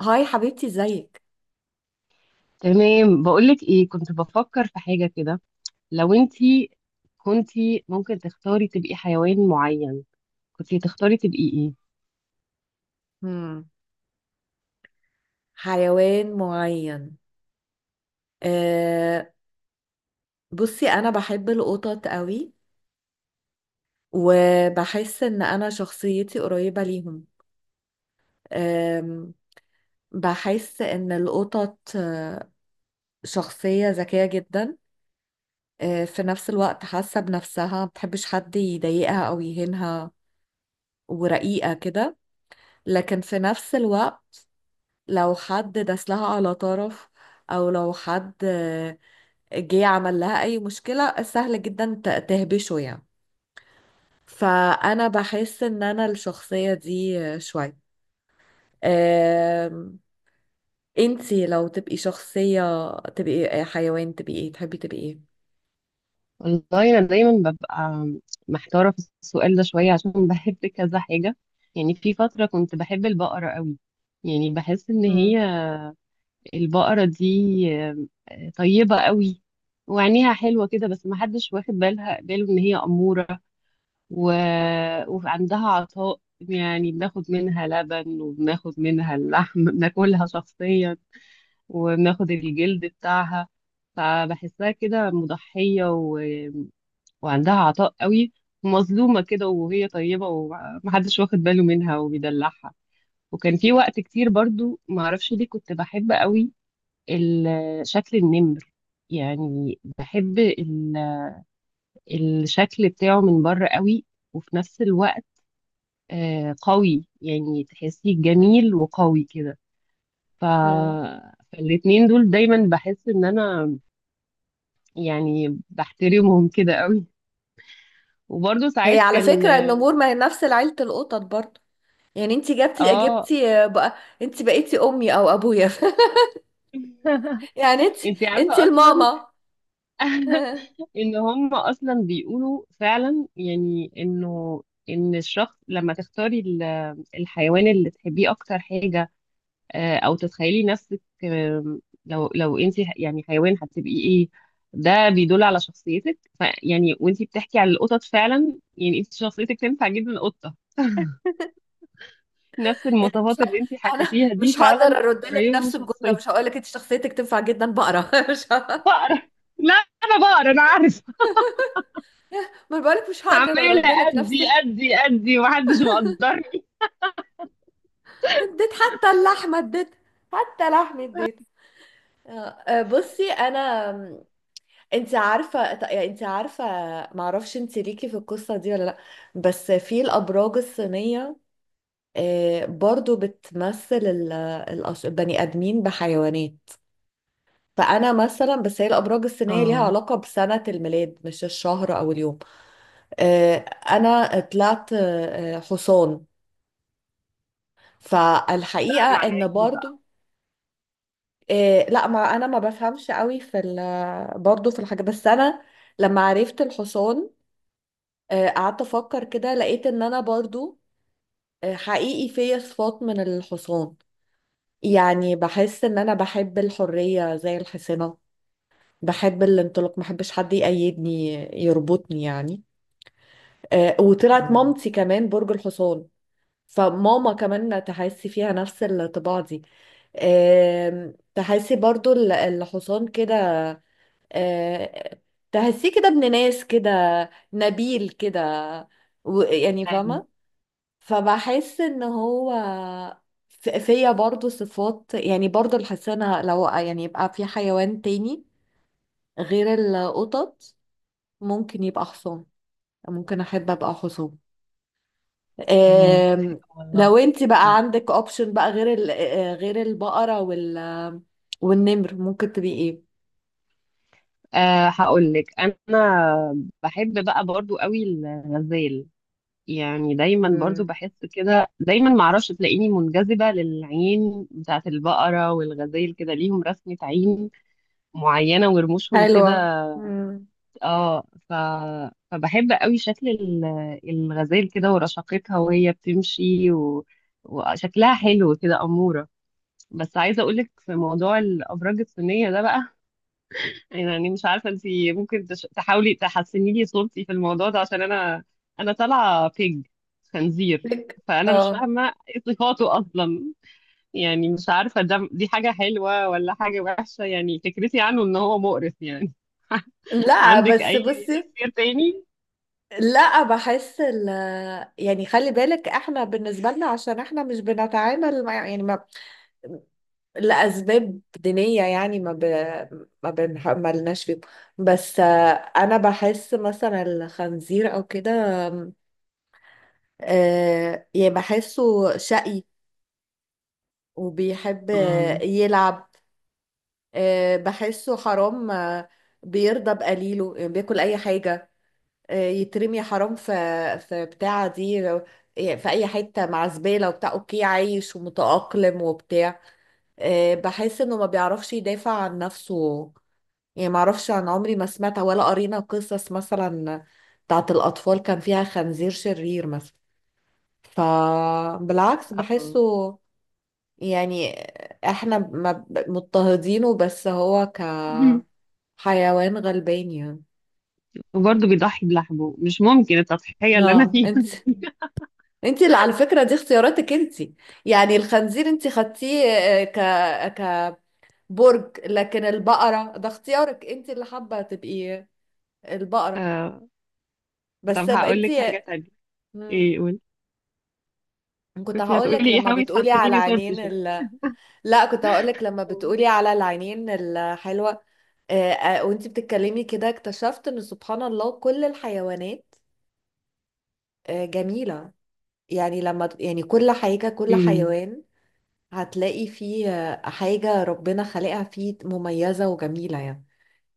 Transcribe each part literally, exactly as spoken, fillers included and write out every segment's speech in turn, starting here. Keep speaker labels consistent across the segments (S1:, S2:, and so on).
S1: هاي حبيبتي ازيك؟
S2: تمام، بقولك ايه، كنت بفكر في حاجة كده. لو انتي كنتي ممكن تختاري تبقي حيوان معين، كنتي تختاري تبقي ايه؟
S1: مم. حيوان معين. أه بصي انا بحب القطط قوي، وبحس ان انا شخصيتي قريبة ليهم. أه بحس ان القطط آه، شخصية ذكية جدا. أه في نفس الوقت حاسة بنفسها، ما بتحبش حد يضايقها او يهينها، ورقيقة كده. لكن في نفس الوقت لو حد داس لها على طرف، او لو حد جه عمل لها اي مشكلة، سهل جدا ت- تهبشه يعني. فانا بحس ان انا الشخصية دي شوية. أم، انتي لو تبقي شخصية تبقي حيوان تبقي ايه، تحبي تبقي ايه؟
S2: والله انا دايما ببقى محتارة في السؤال ده شوية عشان بحب كذا حاجة. يعني في فترة كنت بحب البقرة قوي. يعني بحس ان هي
S1: مم.
S2: البقرة دي آه، طيبة قوي. وعينيها حلوة كده، بس محدش واخد بالها باله ان هي أمورة. و... وعندها عطاء، يعني بناخد منها لبن وبناخد منها اللحم بناكلها شخصيا. وبناخد الجلد بتاعها، فبحسها كده مضحية و... وعندها عطاء قوي. ومظلومة كده، وهي طيبة ومحدش واخد باله منها وبيدلعها. وكان في وقت كتير برضو معرفش ليه كنت بحب قوي ال- شكل النمر. يعني بحب ال- الشكل بتاعه من بره قوي. وفي نفس الوقت آه، قوي، يعني تحسيه جميل وقوي كده. ف...
S1: مم.
S2: فالاتنين دول دايما بحس ان انا يعني بحترمهم كده قوي. وبرضه
S1: هي
S2: ساعات
S1: على
S2: كان،
S1: فكرة النمور ما هي نفس عيلة القطط برضه. يعني انتي جبتي
S2: اه.
S1: جبتي بقى، انتي بقيتي امي او ابويا. يعني انتي
S2: انتي
S1: انتي
S2: عارفة اصلا.
S1: الماما.
S2: ان هم اصلا بيقولوا فعلا، يعني انه ان الشخص لما تختاري ال- الحيوان اللي تحبيه اكتر حاجة، آه، او تتخيلي نفسك آم، لو لو انت يعني حيوان هتبقي ايه، ده بيدل على شخصيتك. فيعني وانت بتحكي على القطط فعلا، يعني انت شخصيتك تنفع جدا قطة. نفس
S1: يعني مش
S2: المواصفات
S1: ه...
S2: اللي انت
S1: انا
S2: حكيتيها دي
S1: مش هقدر
S2: فعلا
S1: ارد لك
S2: قريبة من
S1: نفس الجمله،
S2: شخصيتي.
S1: مش هقول لك انت شخصيتك تنفع جدا بقره. مش ه...
S2: بقرا. لا، انا بقرا، انا عارفة.
S1: ما أنا بقولك مش هقدر ارد
S2: عمالة
S1: لك نفس
S2: ادي
S1: ال-
S2: ادي ادي، ومحدش مقدرني.
S1: اديت حتى اللحمه اديت، حتى لحمه اديت. آه، آه، بصي انا، م، انت عارفه، ط- يعني انت عارفه، ما اعرفش انت ليكي في القصه دي ولا لا. بس في الابراج الصينيه آه، برضو بتمثل ال- الأش- البني ادمين بحيوانات. فانا مثلا، بس هي الابراج السينيه ليها
S2: اه،
S1: علاقه بسنه الميلاد مش الشهر او اليوم. آه، انا طلعت آه، حصان.
S2: ده
S1: فالحقيقه
S2: معناه
S1: ان
S2: ايه بقى؟
S1: برضو آه، لا، ما انا ما بفهمش قوي في ال- برضو في الحاجه، بس انا لما عرفت الحصان آه، قعدت افكر كده، لقيت ان انا برضو آه، حقيقي فيا صفات من الحصان. يعني بحس ان انا بحب الحريه زي الحصانه، بحب الانطلاق، ما بحبش حد يقيدني يربطني يعني. آه، وطلعت
S2: اه.
S1: مامتي كمان برج الحصان. فماما كمان تحسي فيها نفس الطباع دي. آم، تحسي برضو ال- الحصان كده، آه، تحسيه كده ابن ناس كده، نبيل كده، و- يعني
S2: ايوه.
S1: فاهمة. فبحس ان هو ف- فيا برضو صفات، يعني برضو الحسنة، لو يعني يبقى في حيوان تاني غير القطط ممكن يبقى حصان، ممكن احب ابقى حصان.
S2: اه،
S1: آم،
S2: حلو والله.
S1: لو انت بقى عندك اوبشن بقى غير ال... آه، غير البقرة وال... والنمر، ممكن تبقي ايه؟
S2: أه، هقول لك انا بحب بقى برضو قوي الغزال. يعني دايما برضو
S1: مم.
S2: بحس كده، دايما معرفش، تلاقيني منجذبة للعين بتاعت البقرة والغزال، كده ليهم رسمة عين معينة ورموشهم كده.
S1: حلوة. مم.
S2: اه. ف... فبحب قوي شكل ال- الغزال كده ورشاقتها وهي بتمشي و... وشكلها حلو كده، أمورة. بس عايزة اقولك في موضوع الأبراج الصينية ده بقى، يعني مش عارفة انت ممكن تش- تحاولي تحسني لي صورتي في الموضوع ده عشان انا انا طالعة بيج خنزير.
S1: لك
S2: فانا مش
S1: اه.
S2: فاهمة ايه صفاته اصلا. يعني مش عارفة ده دي حاجة حلوة ولا حاجة وحشة، يعني فكرتي عنه ان هو مقرف يعني.
S1: لا
S2: عندك
S1: بس
S2: اي
S1: بصي،
S2: تفسير تاني؟
S1: لا، بحس ال يعني خلي بالك، احنا بالنسبة لنا عشان احنا مش بنتعامل، مع يعني، ما لأسباب دينية يعني، ما ب... ما بنح... ما لناش فيهم. بس آه، انا بحس مثلا الخنزير او كده، آه يعني بحسه شقي وبيحب آه،
S2: امم
S1: يلعب، آه بحسه حرام، آه، بيرضى بقليله، يعني بياكل اي حاجة، آه يترمي حرام في في بتاعة دي، يعني في اي حتة مع زبالة وبتاع، اوكي عايش ومتأقلم وبتاع. آه بحس انه ما بيعرفش يدافع عن نفسه، يعني ما اعرفش، عن عمري ما سمعت ولا قرينا قصص مثلا بتاعت الاطفال كان فيها خنزير شرير مثلا. فبالعكس بحسه، يعني احنا ما ب- مضطهدينه، بس هو كحيوان غلبان يعني.
S2: وبرضه بيضحي بلحمه، مش ممكن التضحية اللي انا
S1: اه،
S2: فيها.
S1: انت انت اللي على فكرة دي اختياراتك انت. يعني الخنزير انت خدتيه آه، ك كبرج، لكن البقرة ده اختيارك انت اللي حابة تبقي البقرة.
S2: آه.
S1: بس
S2: طب
S1: ب-
S2: هقول
S1: انت.
S2: لك حاجة تانية.
S1: مم.
S2: ايه، قول.
S1: كنت
S2: كنت
S1: هقولك
S2: هتقولي ايه،
S1: لما
S2: حاولي
S1: بتقولي
S2: تحسني
S1: على
S2: لي صورتي
S1: عينين
S2: شوية.
S1: ال... لا، كنت هقولك لما بتقولي على العينين الحلوة. آه، آه، وانت بتتكلمي كده اكتشفت ان سبحان الله كل الحيوانات آه، جميلة. يعني لما يعني كل حاجة كل
S2: امم.
S1: حيوان هتلاقي فيه آه، حاجة ربنا خلقها فيه مميزة وجميلة يعني.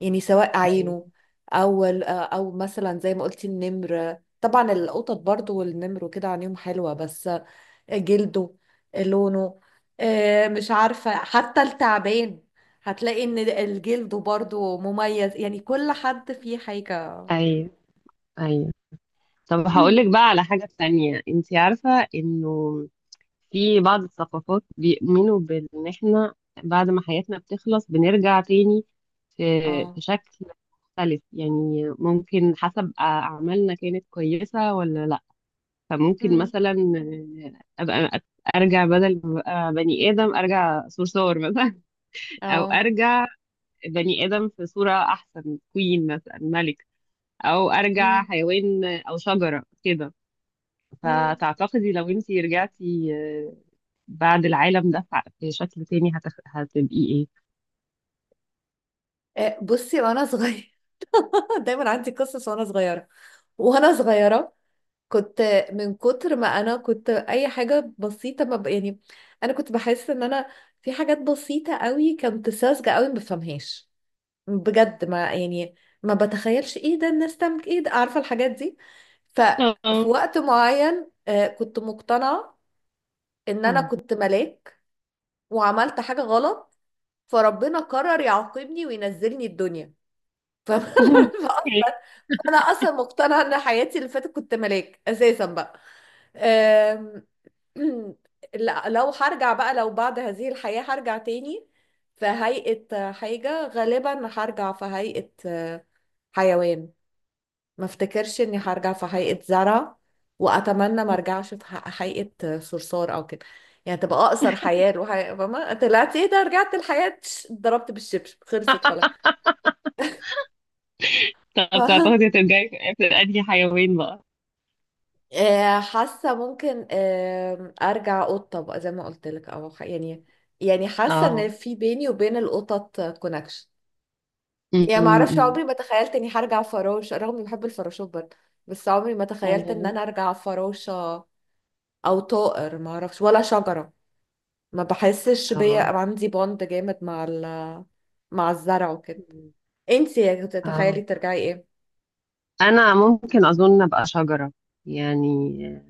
S1: يعني سواء عينه،
S2: ايوه.
S1: أو ال- آه، أو مثلا زي ما قلتي النمر، طبعا القطط برضو والنمر وكده عينيهم حلوة، بس آه، جلده، لونه، آه، مش عارفة حتى التعبان هتلاقي إن الجلد برضو مميز، يعني كل حد فيه حاجة.
S2: ايوه. ايوه. طب هقول لك بقى على حاجة تانية، انت عارفة انه في بعض الثقافات بيؤمنوا بان احنا بعد ما حياتنا بتخلص بنرجع تاني في
S1: اه.
S2: في شكل مختلف، يعني ممكن حسب اعمالنا كانت كويسة ولا لا. فممكن
S1: مم.
S2: مثلا آه، ابقى ارجع بدل ما ابقى بني ادم، ارجع صرصور مثلا. او
S1: اه.
S2: ارجع بني ادم في صورة احسن، كوين مثلا، ملك، او ارجع
S1: مم.
S2: حيوان او شجرة كده.
S1: مم.
S2: فتعتقدي لو انتي رجعتي آه، بعد العالم ده، ف- في شكل تاني هتخ... هتبقي ايه؟
S1: آه، بصي، وانا صغيره دايما عندي قصص. وانا صغيره، وانا صغيره كنت، من كتر ما انا كنت اي حاجه بسيطه ما ب... يعني انا كنت بحس ان انا في حاجات بسيطه قوي، كنت ساذجه قوي ما بفهمهاش، بجد، ما يعني، ما بتخيلش ايه ده الناس تعمل، ايه ده، عارفه الحاجات دي. ففي
S2: اه.
S1: وقت معين آه، كنت مقتنعه ان انا
S2: مم.
S1: كنت ملاك، وعملت حاجه غلط، فربنا قرر يعاقبني وينزلني الدنيا. فاهمة؟
S2: اوكي.
S1: انا اصلا مقتنعه ان حياتي اللي فاتت كنت ملاك اساسا بقى. أم، لا- لو هرجع بقى، لو بعد هذه الحياه هرجع تاني في هيئه حاجه، غالبا هرجع في هيئه آه، حيوان. ما افتكرش اني هرجع في هيئه زرع، واتمنى ما ارجعش في ح- هيئه صرصار او كده، يعني تبقى اقصر حياه الوحي... فما طلعت ايه ده، رجعت الحياه ضربت بالشبشب خلصت خلاص. ف...
S2: طب تعتقدي هترجعي في في انهي حيوان بقى؟
S1: آه، حاسه ممكن آه، ارجع قطه بقى زي ما قلت لك، او خ- يعني، يعني حاسه ان
S2: اه.
S1: في بيني وبين القطط كونكشن،
S2: م-
S1: يعني ما اعرفش،
S2: م-
S1: عمري ما تخيلت اني هرجع فراشه رغم اني بحب الفراشات برضه، بس عمري ما
S2: اه.
S1: تخيلت ان
S2: م.
S1: انا ارجع فراشه، او طائر، ما اعرفش، ولا شجره، ما بحسش
S2: اه.
S1: بيا
S2: اه.
S1: عندي بوند جامد مع ال مع الزرع وكده. انتي
S2: اه.
S1: تتخيلي ترجعي ايه؟
S2: انا ممكن اظن ابقى شجرة. يعني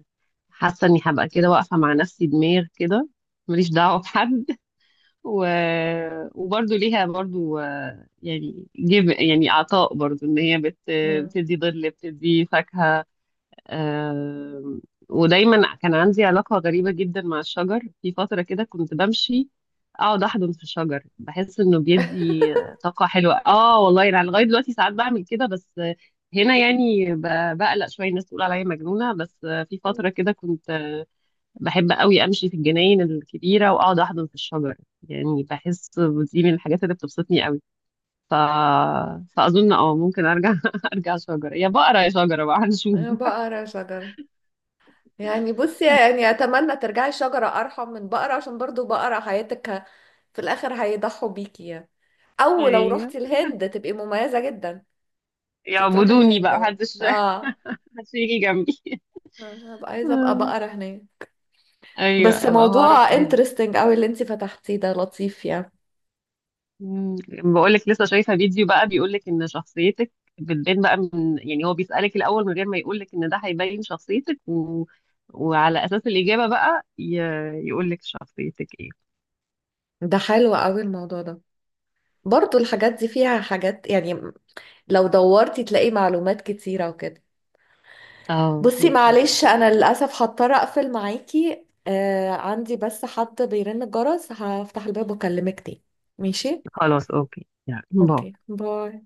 S2: حاسة اني هبقى كده واقفة مع نفسي، دماغ كده، ماليش دعوة بحد و... وبرضه ليها برضه آه، يعني جيب يعني عطاء برضه، ان هي بت...
S1: مم.
S2: بتدي ظل، بتدي فاكهة آم، ودايما كان عندي علاقة غريبة جدا مع الشجر. في فترة كده كنت بمشي اقعد احضن في الشجر، بحس انه بيدي طاقة حلوة. اه والله انا يعني لغاية دلوقتي ساعات بعمل كده، بس هنا يعني ب- بقلق شوية الناس تقول عليا مجنونة. بس في فترة كده كنت بحب قوي امشي في الجناين الكبيره واقعد احضن في الشجر. يعني بحس دي من الحاجات اللي بتبسطني قوي. ف... فاظن اه ممكن ارجع، ارجع شجره، يا بقره يا شجره بقى، هنشوف.
S1: انا بقرا شجره، يعني بصي يعني اتمنى ترجعي شجرة ارحم من بقرة، عشان برضو بقرة حياتك ه- في الاخر هيضحوا بيكي يعني، او لو
S2: ايوه
S1: رحتي الهند تبقي مميزة جدا. تروحي
S2: يعبدوني
S1: الهند
S2: بقى،
S1: بقى،
S2: محدش
S1: اه،
S2: محدش يجي جنبي
S1: آه، هبقى عايزة ابقى
S2: آه،
S1: بقرة هناك.
S2: ايوه
S1: بس
S2: ابقى بعرف
S1: موضوع
S2: الهدي.
S1: انترستنج قوي اللي انتي فتحتيه ده لطيف يعني،
S2: بقول لك لسه شايفه فيديو بقى بيقول لك ان شخصيتك بتبان بقى من، يعني هو بيسألك الاول من غير ما يقول لك ان ده هيبين شخصيتك و... وعلى اساس الاجابه بقى ي... يقول لك شخصيتك.
S1: ده حلو قوي الموضوع ده، برضو الحاجات دي فيها حاجات يعني، لو دورتي تلاقي معلومات كتيرة وكده.
S2: اه،
S1: بصي
S2: بالظبط.
S1: معلش انا للاسف هضطر اقفل معاكي، آه عندي بس حد بيرن الجرس، هفتح الباب واكلمك تاني. ماشي.
S2: خلاص. اوكي، يلا
S1: اوكي،
S2: باي.
S1: باي.